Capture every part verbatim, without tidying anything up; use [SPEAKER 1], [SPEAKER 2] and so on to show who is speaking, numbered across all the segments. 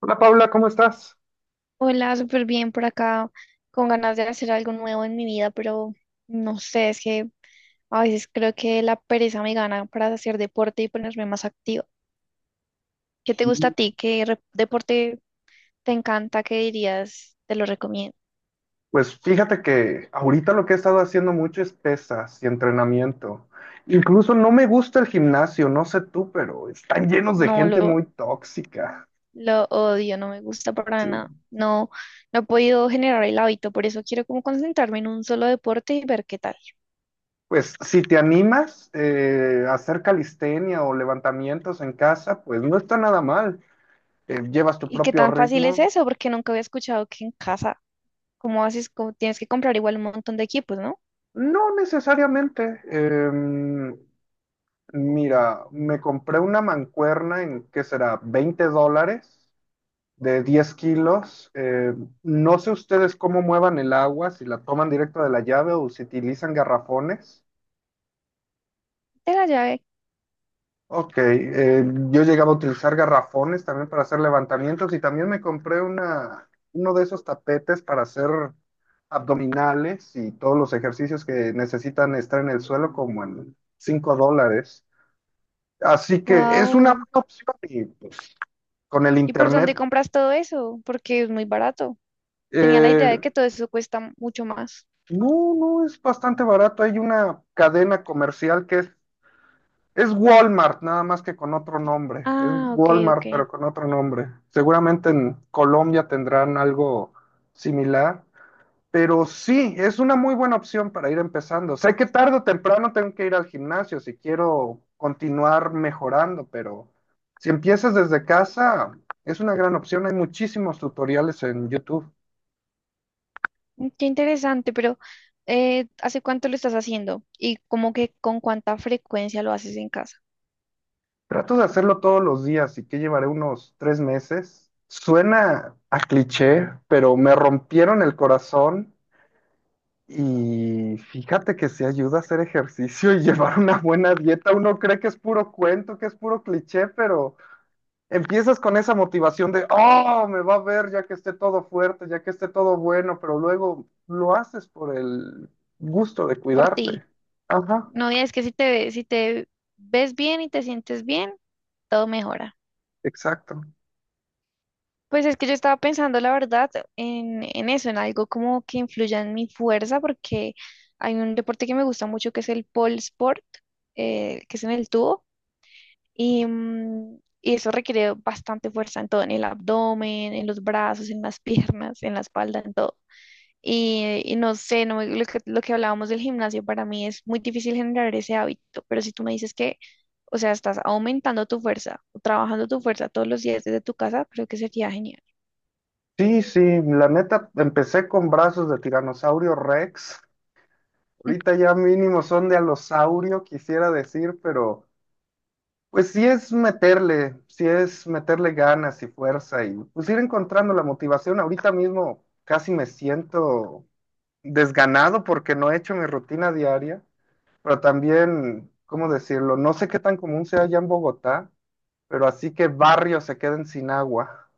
[SPEAKER 1] Hola Paula, ¿cómo estás?
[SPEAKER 2] Hola, súper bien por acá, con ganas de hacer algo nuevo en mi vida, pero no sé, es que a veces creo que la pereza me gana para hacer deporte y ponerme más activa. ¿Qué te gusta a ti? ¿Qué re- deporte te encanta? ¿Qué dirías? Te lo recomiendo.
[SPEAKER 1] Pues fíjate que ahorita lo que he estado haciendo mucho es pesas y entrenamiento. Incluso no me gusta el gimnasio, no sé tú, pero están llenos de
[SPEAKER 2] No,
[SPEAKER 1] gente
[SPEAKER 2] lo,
[SPEAKER 1] muy tóxica.
[SPEAKER 2] lo odio, no me gusta para nada.
[SPEAKER 1] Sí.
[SPEAKER 2] No, no he podido generar el hábito, por eso quiero como concentrarme en un solo deporte y ver qué tal.
[SPEAKER 1] Pues si te animas eh, a hacer calistenia o levantamientos en casa, pues no está nada mal. Eh, llevas tu
[SPEAKER 2] ¿Y qué
[SPEAKER 1] propio
[SPEAKER 2] tan fácil es
[SPEAKER 1] ritmo.
[SPEAKER 2] eso? Porque nunca había escuchado que en casa, ¿como haces? Como tienes que comprar igual un montón de equipos, ¿no?
[SPEAKER 1] No necesariamente. Em, mira, me compré una mancuerna en, ¿qué será? Veinte dólares. De diez kilos. Eh, no sé ustedes cómo muevan el agua, si la toman directa de la llave o si utilizan garrafones.
[SPEAKER 2] De la llave.
[SPEAKER 1] Ok, eh, yo llegaba a utilizar garrafones también para hacer levantamientos y también me compré una, uno de esos tapetes para hacer abdominales y todos los ejercicios que necesitan estar en el suelo como en cinco dólares. Así que es una
[SPEAKER 2] Wow.
[SPEAKER 1] buena opción y pues, con el
[SPEAKER 2] ¿Y por dónde
[SPEAKER 1] internet.
[SPEAKER 2] compras todo eso? Porque es muy barato. Tenía la idea de
[SPEAKER 1] eh,
[SPEAKER 2] que todo eso cuesta mucho más.
[SPEAKER 1] No, no, es bastante barato. Hay una cadena comercial que es, es Walmart, nada más que con otro nombre. Es
[SPEAKER 2] Ah, ok, ok.
[SPEAKER 1] Walmart, pero con otro nombre. Seguramente en Colombia tendrán algo similar. Pero sí, es una muy buena opción para ir empezando. Sé que tarde o temprano tengo que ir al gimnasio si quiero continuar mejorando, pero si empiezas desde casa, es una gran opción. Hay muchísimos tutoriales en YouTube.
[SPEAKER 2] Mm, Qué interesante, pero eh, ¿hace cuánto lo estás haciendo? ¿Y como que con cuánta frecuencia lo haces en casa?
[SPEAKER 1] Trato de hacerlo todos los días y que llevaré unos tres meses. Suena a cliché, pero me rompieron el corazón y fíjate que se ayuda a hacer ejercicio y llevar una buena dieta. Uno cree que es puro cuento, que es puro cliché, pero empiezas con esa motivación de, oh, me va a ver ya que esté todo fuerte, ya que esté todo bueno, pero luego lo haces por el gusto de
[SPEAKER 2] Por ti.
[SPEAKER 1] cuidarte. Ajá,
[SPEAKER 2] No, y es que si te, ve- si te ves bien y te sientes bien, todo mejora.
[SPEAKER 1] exacto.
[SPEAKER 2] Pues es que yo estaba pensando, la verdad, en, en eso, en algo como que influya en mi fuerza, porque hay un deporte que me gusta mucho que es el pole sport, eh, que es en el tubo, y, mm, y eso requiere bastante fuerza en todo, en el abdomen, en los brazos, en las piernas, en la espalda, en todo. Y, y no sé, no, me- lo que, lo que hablábamos del gimnasio, para mí es muy difícil generar ese hábito, pero si tú me dices que, o sea, estás aumentando tu fuerza, trabajando tu fuerza todos los días desde tu casa, creo que sería genial.
[SPEAKER 1] Sí, sí, la neta, empecé con brazos de tiranosaurio Rex. Ahorita ya mínimo son de alosaurio, quisiera decir, pero pues sí es meterle, sí es meterle ganas y fuerza y pues ir encontrando la motivación. Ahorita mismo casi me siento desganado porque no he hecho mi rutina diaria, pero también, ¿cómo decirlo? No sé qué tan común sea allá en Bogotá, pero así que barrios se queden sin agua.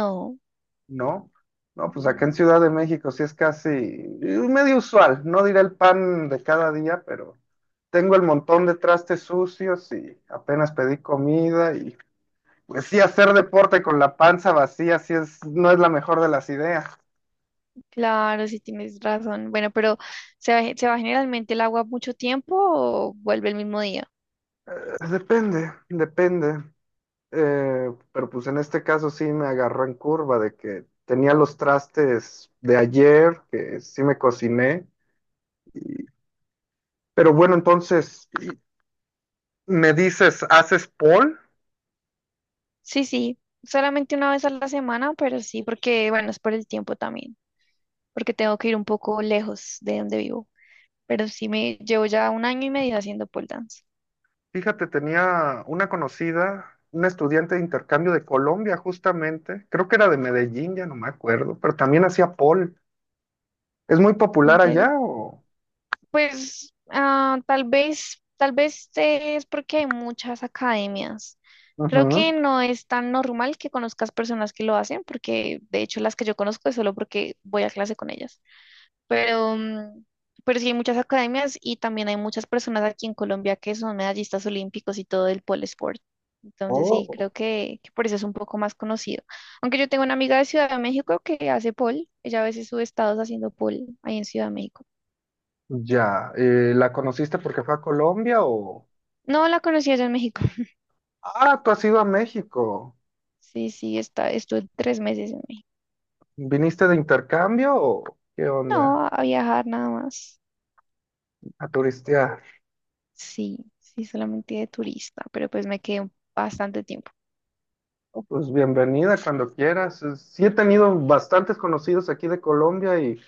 [SPEAKER 2] No,
[SPEAKER 1] No, no, pues acá en
[SPEAKER 2] mm,
[SPEAKER 1] Ciudad de México sí es casi eh, medio usual, no diré el pan de cada día, pero tengo el montón de trastes sucios y apenas pedí comida y pues sí hacer deporte con la panza vacía sí es, no es la mejor de las ideas.
[SPEAKER 2] claro, sí tienes razón. Bueno, pero ¿se va, se va generalmente el agua mucho tiempo o vuelve el mismo día?
[SPEAKER 1] Eh, Depende, depende. Eh, pero pues en este caso sí me agarró en curva de que tenía los trastes de ayer, que sí me cociné. Pero bueno, entonces, ¿me dices, haces pole?
[SPEAKER 2] Sí, sí, solamente una vez a la semana, pero sí, porque bueno, es por el tiempo también, porque tengo que ir un poco lejos de donde vivo. Pero sí me llevo ya un año y medio haciendo pole dance.
[SPEAKER 1] Fíjate, tenía una conocida, una estudiante de intercambio de Colombia, justamente. Creo que era de Medellín, ya no me acuerdo, pero también hacía pole. ¿Es muy
[SPEAKER 2] ¿En
[SPEAKER 1] popular allá
[SPEAKER 2] serio?
[SPEAKER 1] o...?
[SPEAKER 2] Pues ah, tal vez, tal vez eh, es porque hay muchas academias. Creo
[SPEAKER 1] Ujú.
[SPEAKER 2] que no es tan normal que conozcas personas que lo hacen, porque de hecho las que yo conozco es solo porque voy a clase con ellas. Pero, mm, pero sí hay muchas academias y también hay muchas personas aquí en Colombia que son medallistas olímpicos y todo el pole sport. Entonces sí,
[SPEAKER 1] Oh,
[SPEAKER 2] creo que, que por eso es un poco más conocido. Aunque yo tengo una amiga de Ciudad de México que hace pole, ella a veces sube estados haciendo pole ahí en Ciudad de México.
[SPEAKER 1] ya. Eh, ¿la conociste porque fue a Colombia o...?
[SPEAKER 2] No la conocí allá en México.
[SPEAKER 1] Ah, tú has ido a México.
[SPEAKER 2] Sí, sí, está, estuve tres meses en México.
[SPEAKER 1] ¿Viniste de intercambio o qué onda?
[SPEAKER 2] No, a viajar nada más.
[SPEAKER 1] A turistear.
[SPEAKER 2] Sí, sí, solamente de turista, pero pues me quedé un- bastante tiempo.
[SPEAKER 1] Oh, pues bienvenida cuando quieras. Eh, Sí he tenido bastantes conocidos aquí de Colombia y...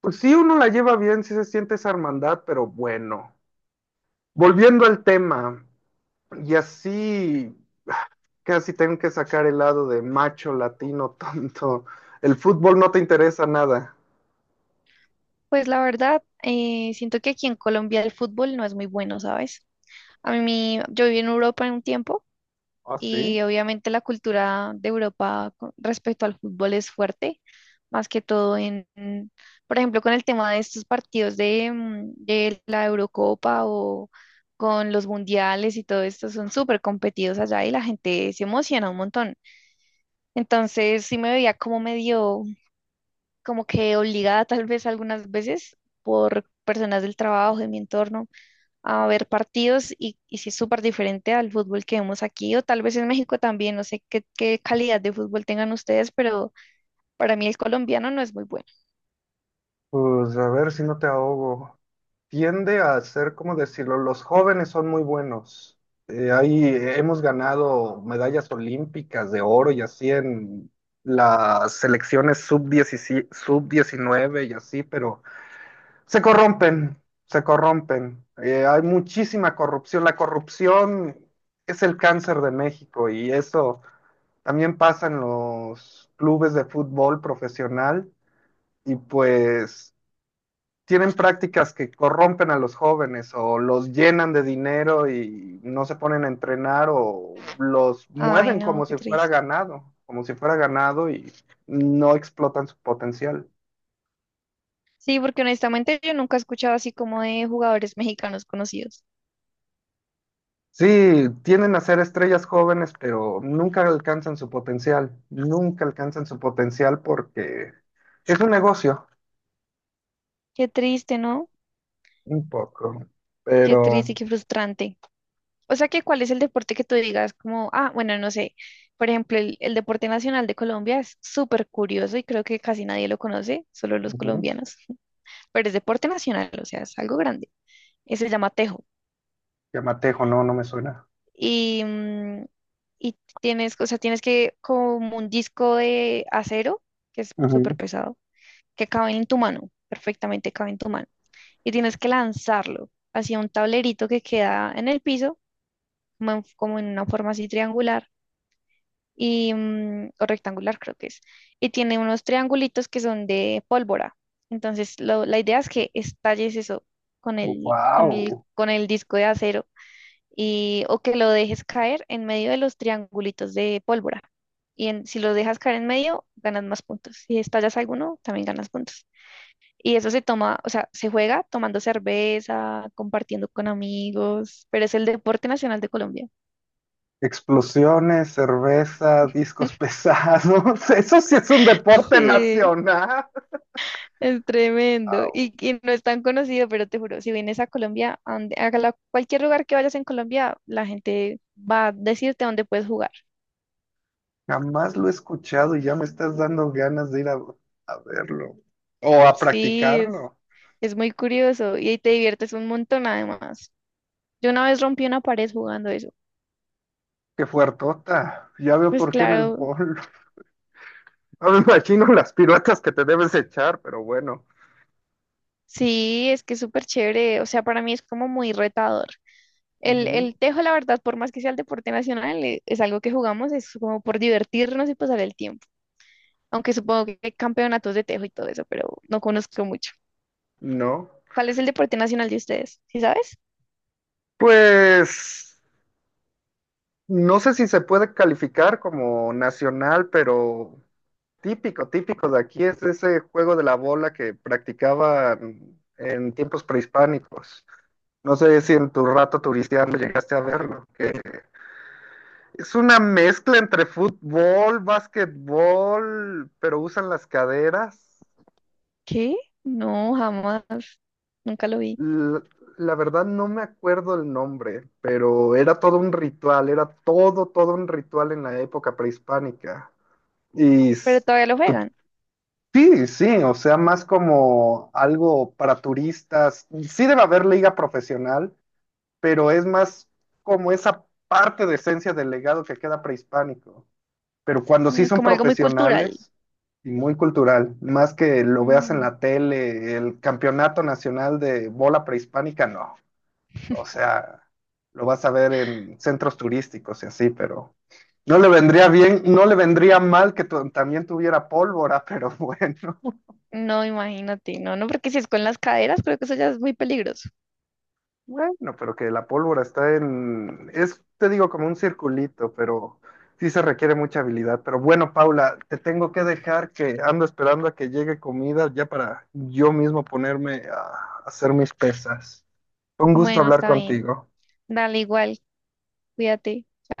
[SPEAKER 1] Pues sí, uno la lleva bien, sí se siente esa hermandad, pero bueno. Volviendo al tema, y así ah, casi tengo que sacar el lado de macho latino tonto. El fútbol no te interesa nada.
[SPEAKER 2] Pues la verdad, eh, siento que aquí en Colombia el fútbol no es muy bueno, ¿sabes? A mí, yo viví en Europa en un tiempo.
[SPEAKER 1] Ah, sí.
[SPEAKER 2] Y obviamente la cultura de Europa con respecto al fútbol es fuerte, más que todo en, en, por ejemplo, con el tema de estos partidos de, mm, de la Eurocopa o con los mundiales y todo esto, son súper competidos allá y la gente se emociona un montón. Entonces sí me veía como medio, como que obligada tal vez algunas veces por personas del trabajo, de mi entorno a ver partidos y, y si es súper diferente al fútbol que vemos aquí o tal vez en México también, no sé qué, qué calidad de fútbol tengan ustedes, pero para mí el colombiano no es muy bueno.
[SPEAKER 1] Pues a ver si no te ahogo. Tiende a ser, ¿cómo decirlo? Los jóvenes son muy buenos. Eh, ahí hemos ganado medallas olímpicas de oro y así en las selecciones sub diecinueve y así, pero Se corrompen, se corrompen. Eh, hay muchísima corrupción. La corrupción es el cáncer de México y eso también pasa en los clubes de fútbol profesional y pues tienen prácticas que corrompen a los jóvenes o los llenan de dinero y no se ponen a entrenar o los
[SPEAKER 2] Ay,
[SPEAKER 1] mueven
[SPEAKER 2] no,
[SPEAKER 1] como
[SPEAKER 2] qué
[SPEAKER 1] si fuera
[SPEAKER 2] triste.
[SPEAKER 1] ganado, como si fuera ganado y no explotan su potencial.
[SPEAKER 2] Sí, porque honestamente yo nunca he escuchado así como de jugadores mexicanos conocidos.
[SPEAKER 1] Sí, tienden a ser estrellas jóvenes, pero nunca alcanzan su potencial, nunca alcanzan su potencial porque es un negocio,
[SPEAKER 2] Qué triste, ¿no?
[SPEAKER 1] un poco,
[SPEAKER 2] Qué
[SPEAKER 1] pero
[SPEAKER 2] triste y qué frustrante. O sea que, ¿cuál es el deporte que tú digas como, ah, bueno, no sé, por ejemplo, el, el deporte nacional de Colombia es súper curioso y creo que casi nadie lo conoce, solo los
[SPEAKER 1] ujú.
[SPEAKER 2] colombianos, pero es deporte nacional, o sea, es algo grande. Eh, se llama Tejo.
[SPEAKER 1] Yamatejo no, no me suena.
[SPEAKER 2] Y, mm, y tienes, o sea, tienes que como un disco de acero, que es súper pesado, que cabe en tu mano, perfectamente cabe en tu mano. Y tienes que lanzarlo hacia un tablerito que queda en el piso, como en, como en una forma así triangular y, mm, o rectangular creo que es. Y tiene unos triangulitos que son de pólvora. Entonces, lo- la idea es que estalles eso con el, con el,
[SPEAKER 1] Wow,
[SPEAKER 2] con el disco de acero y, o que lo dejes caer en medio de los triangulitos de pólvora. Y en- si lo dejas caer en medio, ganas más puntos. Si estallas alguno, también ganas puntos. Y eso se toma, o sea, se juega tomando cerveza, compartiendo con amigos, pero es el deporte nacional de Colombia.
[SPEAKER 1] explosiones, cerveza, discos pesados, eso sí es un deporte
[SPEAKER 2] Sí,
[SPEAKER 1] nacional.
[SPEAKER 2] es tremendo.
[SPEAKER 1] Au,
[SPEAKER 2] Y, y no es tan conocido, pero te juro, si vienes a Colombia, a donde- a la- cualquier lugar que vayas en Colombia, la gente va a decirte dónde puedes jugar.
[SPEAKER 1] jamás lo he escuchado y ya me estás dando ganas de ir a, a verlo o a
[SPEAKER 2] Sí, es,
[SPEAKER 1] practicarlo.
[SPEAKER 2] es muy curioso y ahí te diviertes un montón además. Yo una vez rompí una pared jugando eso.
[SPEAKER 1] Qué fuertota. Ya veo
[SPEAKER 2] Pues
[SPEAKER 1] por qué en el
[SPEAKER 2] claro,
[SPEAKER 1] bol. No me imagino las piruetas que te debes echar, pero bueno.
[SPEAKER 2] sí, es que es súper chévere. O sea, para mí es como muy retador. El, el
[SPEAKER 1] Ujú.
[SPEAKER 2] tejo, la verdad, por más que sea el deporte nacional, e- es algo que jugamos, es como por divertirnos y pasar el tiempo. Aunque supongo que hay campeonatos de tejo y todo eso, pero no conozco mucho.
[SPEAKER 1] No.
[SPEAKER 2] ¿Cuál es el deporte nacional de ustedes? ¿Sí sabes?
[SPEAKER 1] Pues no sé si se puede calificar como nacional, pero típico, típico de aquí es ese juego de la bola que practicaban en tiempos prehispánicos. No sé si en tu rato turistiano llegaste a verlo, que es una mezcla entre fútbol, básquetbol, pero usan las caderas.
[SPEAKER 2] ¿Qué? No, jamás. Nunca lo vi.
[SPEAKER 1] L- La verdad no me acuerdo el nombre, pero era todo un ritual, era todo, todo un ritual en la época prehispánica. Y
[SPEAKER 2] Pero
[SPEAKER 1] s-
[SPEAKER 2] todavía lo
[SPEAKER 1] tu-
[SPEAKER 2] juegan.
[SPEAKER 1] sí, sí, o sea, más como algo para turistas. Sí debe haber liga profesional, pero es más como esa parte de esencia del legado que queda prehispánico. Pero cuando sí
[SPEAKER 2] Mm,
[SPEAKER 1] son
[SPEAKER 2] Como algo muy cultural.
[SPEAKER 1] profesionales y muy cultural, más que lo veas en la tele, el campeonato nacional de bola prehispánica, no. O sea, lo vas a ver en centros turísticos y así, pero no le vendría bien, no le vendría mal que tu- también tuviera pólvora, pero bueno,
[SPEAKER 2] No, imagínate, no, no, porque si es con las caderas, creo que eso ya es muy peligroso.
[SPEAKER 1] bueno, pero que la pólvora está en, es, te digo, como un circulito, pero sí se requiere mucha habilidad. Pero bueno, Paula, te tengo que dejar que ando esperando a que llegue comida ya para yo mismo ponerme a hacer mis pesas. Fue un gusto
[SPEAKER 2] Bueno,
[SPEAKER 1] hablar
[SPEAKER 2] está bien.
[SPEAKER 1] contigo.
[SPEAKER 2] Dale igual, cuídate.